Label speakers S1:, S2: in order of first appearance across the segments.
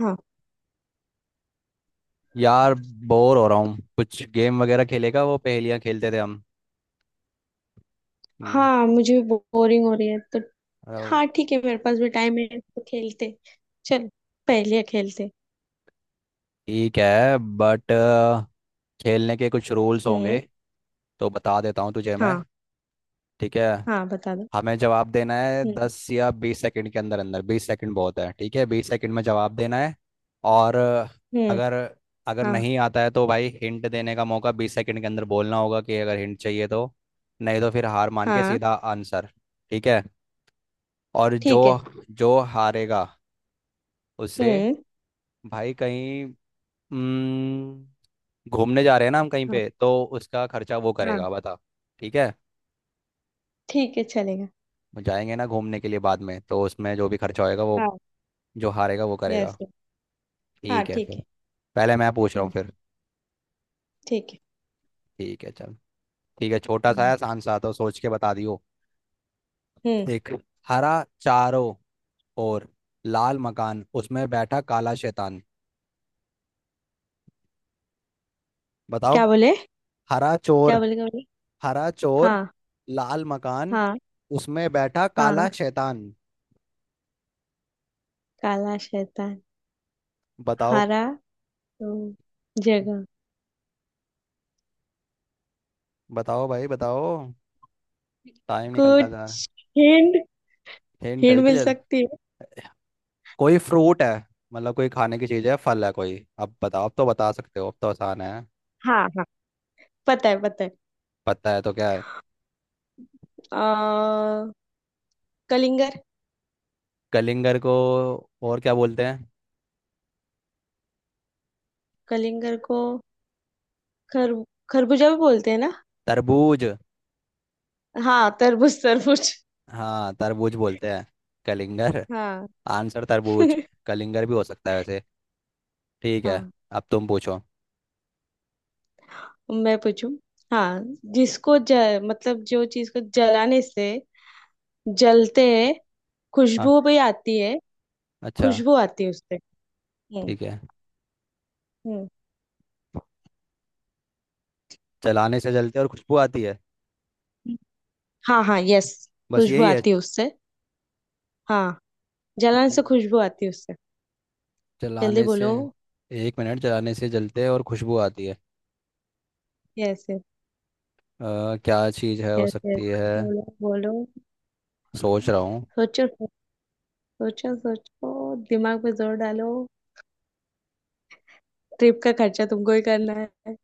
S1: हाँ।
S2: यार, बोर हो रहा हूँ। कुछ गेम वगैरह खेलेगा? वो पहेलियाँ खेलते थे हम। हम्म,
S1: हाँ, मुझे बोरिंग हो रही है तो।
S2: अ,
S1: हाँ ठीक है, मेरे पास भी टाइम है तो खेलते। चल, पहले खेलते।
S2: ठीक है, बट खेलने के कुछ रूल्स होंगे,
S1: हम्म।
S2: तो बता देता हूँ तुझे मैं।
S1: हाँ।
S2: ठीक है।
S1: हाँ बता दो।
S2: हमें जवाब देना है
S1: हम्म।
S2: 10 या 20 सेकंड के अंदर अंदर। 20 सेकंड बहुत है, ठीक है। 20 सेकंड में जवाब देना है। और
S1: हम्म।
S2: अगर अगर
S1: हाँ।
S2: नहीं आता है तो भाई हिंट देने का मौका, 20 सेकंड के अंदर बोलना होगा कि अगर हिंट चाहिए तो। नहीं तो फिर हार मान के
S1: हाँ
S2: सीधा आंसर। ठीक है। और जो
S1: ठीक है।
S2: जो हारेगा उससे,
S1: हम्म।
S2: भाई कहीं हम्म, घूमने जा रहे हैं ना हम कहीं
S1: हाँ।
S2: पे, तो उसका खर्चा वो
S1: हाँ
S2: करेगा, बता। ठीक है।
S1: ठीक है चलेगा।
S2: वो जाएंगे ना घूमने के लिए बाद में, तो उसमें जो भी खर्चा होएगा, वो
S1: हाँ,
S2: जो हारेगा वो
S1: यस।
S2: करेगा।
S1: हाँ
S2: ठीक है
S1: ठीक
S2: फिर।
S1: है।
S2: पहले मैं पूछ रहा हूँ
S1: हम्म,
S2: फिर।
S1: ठीक है।
S2: ठीक है, चल। ठीक है, छोटा सा
S1: हम्म।
S2: है, आसान सा, तो सोच के बता दियो।
S1: हम्म,
S2: एक हरा चारों और लाल मकान, उसमें बैठा काला शैतान। बताओ।
S1: क्या बोले?
S2: हरा
S1: क्या
S2: चोर।
S1: बोले? क्या बोले?
S2: हरा चोर।
S1: हाँ।
S2: लाल मकान,
S1: हाँ।
S2: उसमें बैठा
S1: हाँ,
S2: काला शैतान।
S1: काला शैतान।
S2: बताओ।
S1: हरा तो जगह,
S2: बताओ भाई बताओ, टाइम निकलता जा रहा है।
S1: कुछ हिंट।
S2: हिंट
S1: हिंट
S2: हुई थी,
S1: मिल
S2: चल।
S1: सकती है?
S2: कोई फ्रूट है, मतलब कोई खाने की चीज है, फल है कोई। अब बताओ, अब तो बता सकते हो, अब तो आसान है।
S1: हाँ। हाँ, पता है पता है।
S2: पता है तो क्या है?
S1: आ, कलिंगर
S2: कलिंगर को और क्या बोलते हैं?
S1: कलिंगर को खर खरबूजा भी बोलते हैं ना?
S2: तरबूज।
S1: हाँ, तरबूज तरबूज।
S2: हाँ, तरबूज बोलते हैं कलिंगर।
S1: हाँ।
S2: आंसर तरबूज। कलिंगर भी हो सकता है वैसे। ठीक है,
S1: हाँ,
S2: अब तुम पूछो।
S1: मैं पूछूं? हाँ। जिसको ज, मतलब जो चीज को जलाने से जलते हैं।
S2: हाँ।
S1: खुशबू भी आती है।
S2: अच्छा।
S1: खुशबू आती है उससे। हम्म।
S2: ठीक है।
S1: हम्म।
S2: चलाने से जलते और खुशबू आती है?
S1: हाँ हाँ, यस।
S2: बस
S1: खुशबू
S2: यही है?
S1: आती है उससे। हाँ, जलाने
S2: च-
S1: से खुशबू आती है उससे। जल्दी
S2: चलाने से।
S1: बोलो।
S2: एक मिनट, चलाने से जलते और खुशबू आती है।
S1: यस
S2: अ, क्या चीज़ है हो
S1: यस यस।
S2: सकती है?
S1: बोलो बोलो।
S2: सोच रहा हूँ।
S1: सोचो सोचो सोचो। दिमाग पे जोर डालो। ट्रिप का खर्चा तुमको ही करना है।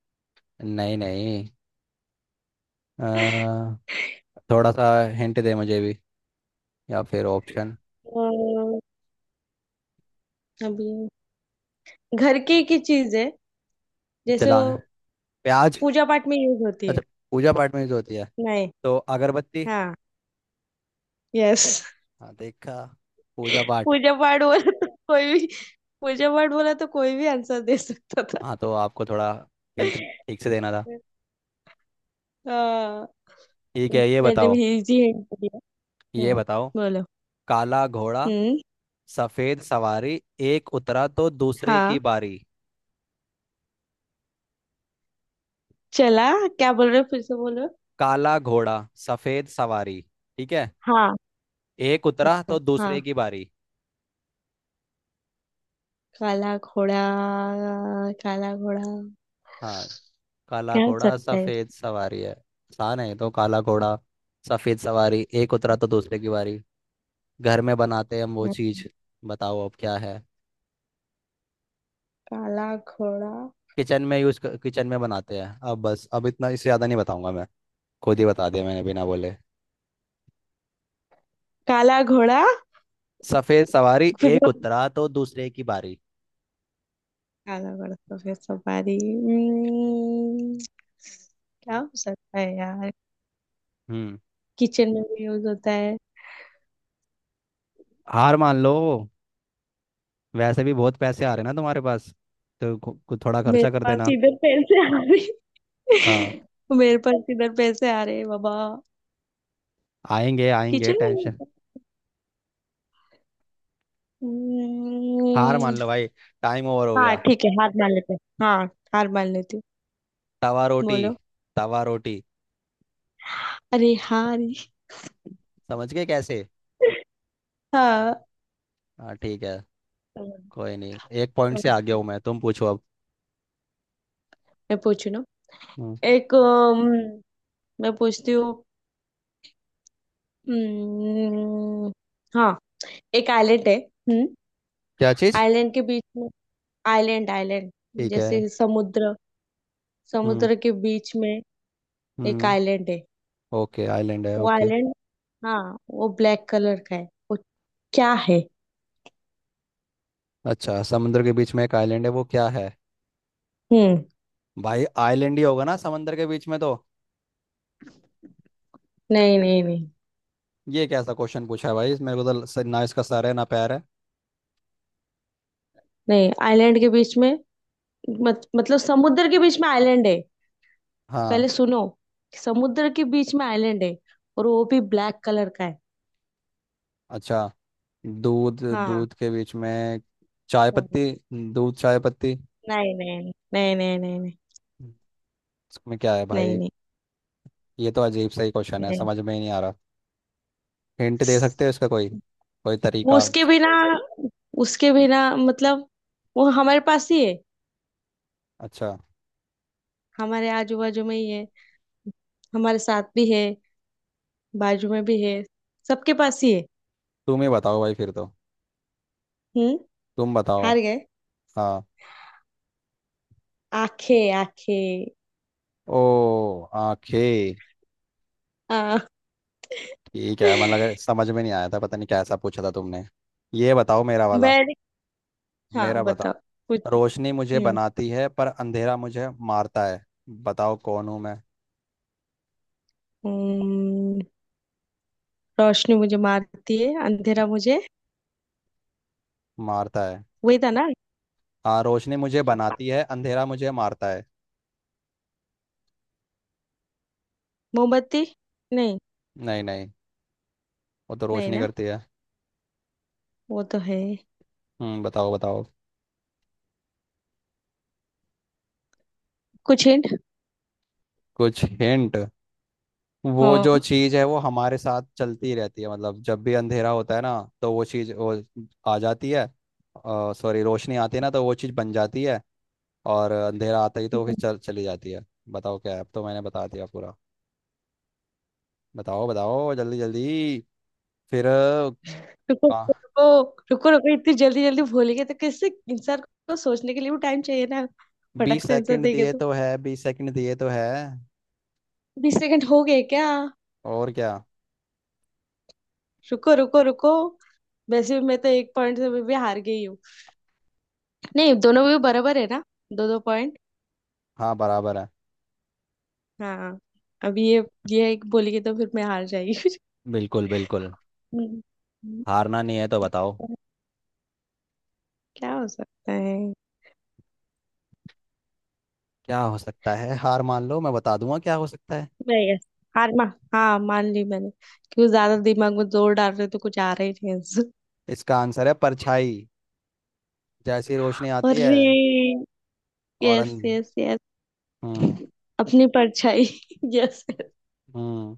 S2: नहीं नहीं। अ, थोड़ा सा हिंट दे मुझे भी, या फिर ऑप्शन।
S1: और अभी घर की चीज है। जैसे
S2: जला,
S1: वो
S2: प्याज।
S1: पूजा पाठ में यूज होती है।
S2: अच्छा, पूजा पाठ में यूज होती है?
S1: नहीं।
S2: तो अगरबत्ती।
S1: हाँ, यस।
S2: हाँ देखा, पूजा पाठ।
S1: पूजा पाठ बोला तो कोई भी। पूजा पाठ बोला तो कोई भी आंसर दे सकता था।
S2: हाँ, तो आपको थोड़ा हिंट ठीक से देना था।
S1: हाँ,
S2: ठीक है, ये
S1: मैंने
S2: बताओ।
S1: भी इजी हिंट दिया। हम्म,
S2: ये बताओ।
S1: बोलो।
S2: काला घोड़ा
S1: हम्म।
S2: सफेद सवारी, एक उतरा तो दूसरे की
S1: हाँ,
S2: बारी।
S1: चला। क्या बोल रहे हो, फिर से बोलो।
S2: काला घोड़ा सफेद सवारी, ठीक है।
S1: हाँ।
S2: एक उतरा
S1: अच्छा,
S2: तो दूसरे
S1: हाँ।
S2: की बारी।
S1: काला घोड़ा। काला घोड़ा,
S2: हाँ, काला
S1: क्या हो
S2: घोड़ा
S1: सकता है
S2: सफेद सवारी है, आसान है। तो काला घोड़ा सफेद सवारी, एक उतरा तो दूसरे की बारी। घर में बनाते हैं हम वो
S1: इसमें?
S2: चीज। बताओ अब क्या है।
S1: काला घोड़ा।
S2: किचन में यूज, किचन में बनाते हैं। अब बस, अब इतना, इससे ज्यादा नहीं बताऊंगा मैं। खुद ही बता दिया मैंने बिना बोले।
S1: काला घोड़ा तो।
S2: सफेद सवारी
S1: फिर
S2: एक
S1: वो-
S2: उतरा तो दूसरे की बारी।
S1: काला घोड़ा सफेद सवारी। क्या हो सकता है यार?
S2: हम्म
S1: किचन में भी यूज होता है।
S2: हार मान लो। वैसे भी बहुत पैसे आ रहे ना तुम्हारे पास, तो कु- कु- थोड़ा
S1: मेरे
S2: खर्चा कर
S1: पास
S2: देना।
S1: इधर पैसे आ रहे।
S2: हाँ,
S1: मेरे पास इधर पैसे आ रहे बाबा।
S2: आएंगे आएंगे,
S1: किचन में use
S2: टेंशन।
S1: होता है।
S2: हार मान
S1: हम्म,
S2: लो भाई, टाइम ओवर हो
S1: हाँ
S2: गया।
S1: ठीक है, हार मान लेते हैं। हाँ, हार मान लेती हूँ।
S2: तवा रोटी।
S1: बोलो।
S2: तवा रोटी।
S1: अरे, हार।
S2: समझ गए कैसे?
S1: हाँ।
S2: हाँ ठीक है।
S1: तो-
S2: कोई नहीं, एक पॉइंट से
S1: तो-
S2: आगे हूँ मैं। तुम पूछो अब।
S1: मैं पूछू ना?
S2: हम्म,
S1: एक, मैं पूछती हूँ। हम्म, हाँ, एक आइलैंड है। हम्म।
S2: क्या चीज।
S1: आइलैंड के बीच में आइलैंड आइलैंड।
S2: ठीक है।
S1: जैसे समुद्र।
S2: हम्म
S1: समुद्र के बीच में एक
S2: हम्म
S1: आइलैंड है।
S2: ओके, आइलैंड है,
S1: वो
S2: ओके।
S1: आइलैंड। हाँ, वो ब्लैक कलर का है। वो क्या है?
S2: अच्छा, समुद्र के बीच में एक आइलैंड है, वो क्या है?
S1: हम्म।
S2: भाई, आइलैंड ही होगा ना समंदर के बीच में तो।
S1: नहीं नहीं नहीं।
S2: ये कैसा क्वेश्चन पूछा है भाई मेरे को, तो ना इसका सर है ना पैर है।
S1: नहीं, आइलैंड के बीच में। मत, मतलब समुद्र के बीच में आइलैंड है।
S2: हाँ।
S1: पहले सुनो। समुद्र के बीच में आइलैंड है और वो भी ब्लैक कलर का है।
S2: अच्छा, दूध।
S1: हाँ।
S2: दूध के बीच में चाय
S1: हाँ।
S2: पत्ती। दूध चाय पत्ती।
S1: नहीं नहीं नहीं नहीं। नहीं नहीं
S2: इसमें क्या है
S1: नहीं
S2: भाई?
S1: नहीं।
S2: ये तो अजीब सा ही क्वेश्चन है, समझ में ही नहीं आ रहा। हिंट दे
S1: Yes.
S2: सकते हो इसका कोई, कोई
S1: वो
S2: तरीका?
S1: उसके बिना। उसके बिना मतलब। वो हमारे पास ही है।
S2: अच्छा।
S1: हमारे आजू बाजू में ही है। हमारे साथ भी है। बाजू में भी है। सबके पास ही है।
S2: तुम ही बताओ भाई फिर तो।
S1: हम्म।
S2: तुम बताओ।
S1: हार गए।
S2: हाँ।
S1: आंखें आंखें।
S2: ओ, आंखें।
S1: हाँ।
S2: ठीक है, मतलब अगर समझ में नहीं आया था, पता नहीं कैसा पूछा था तुमने। ये बताओ, मेरा वाला।
S1: मैं।
S2: मेरा
S1: हाँ, बताओ।
S2: बताओ।
S1: कुछ।
S2: रोशनी मुझे
S1: हम्म।
S2: बनाती है पर अंधेरा मुझे मारता है। बताओ कौन हूँ मैं।
S1: हम्म, रोशनी मुझे मारती है, अंधेरा मुझे।
S2: मारता है।
S1: वही था ना?
S2: हाँ, रोशनी मुझे बनाती है, अंधेरा मुझे मारता है।
S1: मोमबत्ती। नहीं।
S2: नहीं नहीं, वो तो
S1: नहीं
S2: रोशनी
S1: ना।
S2: करती है।
S1: वो तो है।
S2: बताओ बताओ,
S1: कुछ हिंट।
S2: कुछ हिंट। वो जो
S1: हाँ।
S2: चीज है वो हमारे साथ चलती रहती है, मतलब जब भी अंधेरा होता है ना, तो वो चीज वो आ जाती है। सॉरी, रोशनी आती है ना तो वो चीज बन जाती है, और अंधेरा आता ही तो वो फिर चल चली जाती है। बताओ क्या है, अब तो मैंने बता दिया पूरा। बताओ बताओ जल्दी जल्दी। फिर।
S1: रुको रुको। रुको रुको। इतनी जल्दी जल्दी भूल गए तो किससे? इंसान को सोचने के लिए भी टाइम चाहिए ना? फटक
S2: बीस
S1: से आंसर
S2: सेकंड
S1: देंगे
S2: दिए
S1: तो।
S2: तो है, 20 सेकंड दिए तो है।
S1: 20 सेकंड हो गए क्या?
S2: और क्या।
S1: रुको रुको रुको। वैसे भी मैं तो एक पॉइंट से भी हार गई हूँ। नहीं, दोनों भी बराबर है ना। दो दो पॉइंट।
S2: हाँ बराबर है।
S1: हाँ। अब ये। ये एक बोलेगी तो फिर मैं हार जाएगी।
S2: बिल्कुल बिल्कुल।
S1: हम्म। हम्म,
S2: हारना नहीं है तो बताओ।
S1: क्या हो सकता है?
S2: क्या हो सकता है? हार मान लो, मैं बता दूंगा क्या हो सकता है।
S1: मैं यस। हार मा हाँ, मान ली मैंने। क्यों ज्यादा दिमाग में जोर डाल रहे हो तो कुछ आ रहा ही नहीं आंसर।
S2: इसका आंसर है परछाई, जैसी रोशनी आती है,
S1: अरे,
S2: और
S1: यस यस यस।
S2: हम्म
S1: अपनी परछाई। यस।
S2: हम्म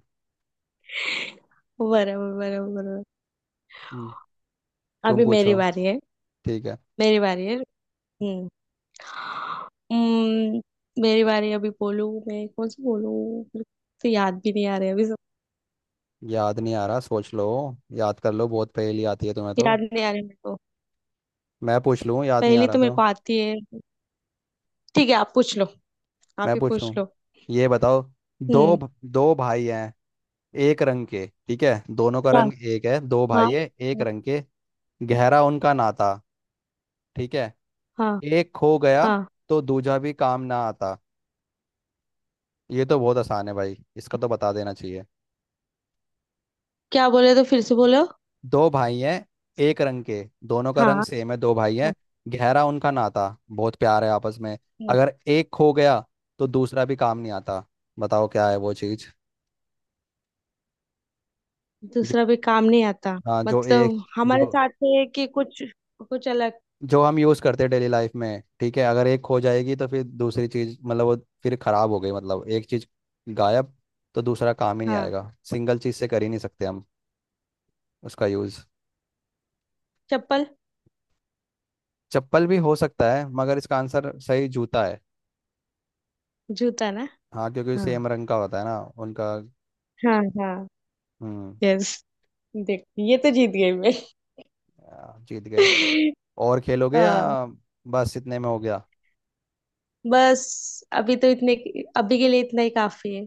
S1: बराबर बराबर बराबर।
S2: हम्म, तुम
S1: अभी मेरी
S2: पूछो।
S1: बारी है।
S2: ठीक है।
S1: मेरी बारी है। हम्म। हम्म, मेरी बारी अभी बोलूं? मैं कौन सी बोलूं? मेरे को तो याद भी नहीं आ रहे अभी सब।
S2: याद नहीं आ रहा, सोच लो। याद कर लो, बहुत पहेली आती है तुम्हें तो।
S1: याद नहीं आ रहे मेरे को।
S2: मैं पूछ लूँ, याद नहीं आ
S1: पहली
S2: रहा
S1: तो मेरे
S2: तो।
S1: को आती है। ठीक है, आप पूछ लो। आप
S2: मैं
S1: ही
S2: पूछ
S1: पूछ
S2: लूँ,
S1: लो।
S2: ये बताओ।
S1: हम्म।
S2: दो भाई हैं, एक रंग के, ठीक है। दोनों का
S1: क्या?
S2: रंग एक है, दो
S1: हाँ।
S2: भाई है, एक
S1: हाँ।
S2: रंग के। गहरा उनका नाता, ठीक है।
S1: हाँ।
S2: एक खो गया,
S1: हाँ।
S2: तो दूजा भी काम ना आता। ये तो बहुत आसान है भाई, इसका तो बता देना चाहिए।
S1: क्या बोले, तो फिर से बोलो।
S2: दो भाई हैं, एक रंग के, दोनों का
S1: हाँ।
S2: रंग सेम है, दो भाई हैं,
S1: हाँ।
S2: गहरा उनका नाता, बहुत प्यार है आपस में।
S1: हाँ।
S2: अगर एक खो गया तो दूसरा भी काम नहीं आता। बताओ क्या है वो चीज। जो,
S1: दूसरा भी काम नहीं आता
S2: हाँ, जो एक
S1: मतलब? हमारे
S2: जो
S1: साथ है कि कुछ। कुछ अलग।
S2: जो हम यूज करते हैं डेली लाइफ में, ठीक है। अगर एक खो जाएगी तो फिर दूसरी चीज मतलब वो फिर खराब हो गई, मतलब एक चीज गायब, तो दूसरा काम ही नहीं
S1: हाँ।
S2: आएगा, सिंगल चीज से कर ही नहीं सकते हम उसका यूज।
S1: चप्पल।
S2: चप्पल भी हो सकता है, मगर इसका आंसर सही जूता है।
S1: जूता ना?
S2: हाँ, क्योंकि
S1: हाँ।
S2: सेम रंग का होता है ना उनका।
S1: हाँ हाँ,
S2: हम्म
S1: यस। देख, ये तो जीत गई मैं।
S2: आ, जीत गए। और खेलोगे, या
S1: हाँ।
S2: बस इतने में हो गया?
S1: बस अभी तो इतने। अभी के लिए इतना ही काफी है।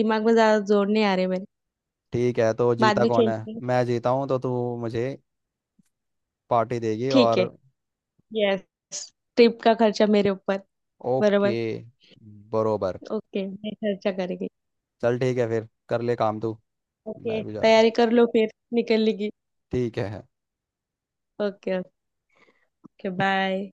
S1: दिमाग में ज्यादा जोर नहीं आ रहे मेरे।
S2: ठीक है, तो
S1: बाद
S2: जीता
S1: में
S2: कौन है।
S1: खेलते हैं।
S2: मैं जीता हूँ, तो तू मुझे पार्टी देगी
S1: ठीक
S2: और।
S1: है। यस। ट्रिप का खर्चा मेरे ऊपर। बराबर।
S2: ओके। बरोबर।
S1: ओके, मैं खर्चा करेगी।
S2: चल ठीक है फिर, कर ले काम तू।
S1: ओके,
S2: मैं भी जा रहा हूँ,
S1: तैयारी कर लो फिर निकलने की।
S2: ठीक है।
S1: ओके। Okay, bye.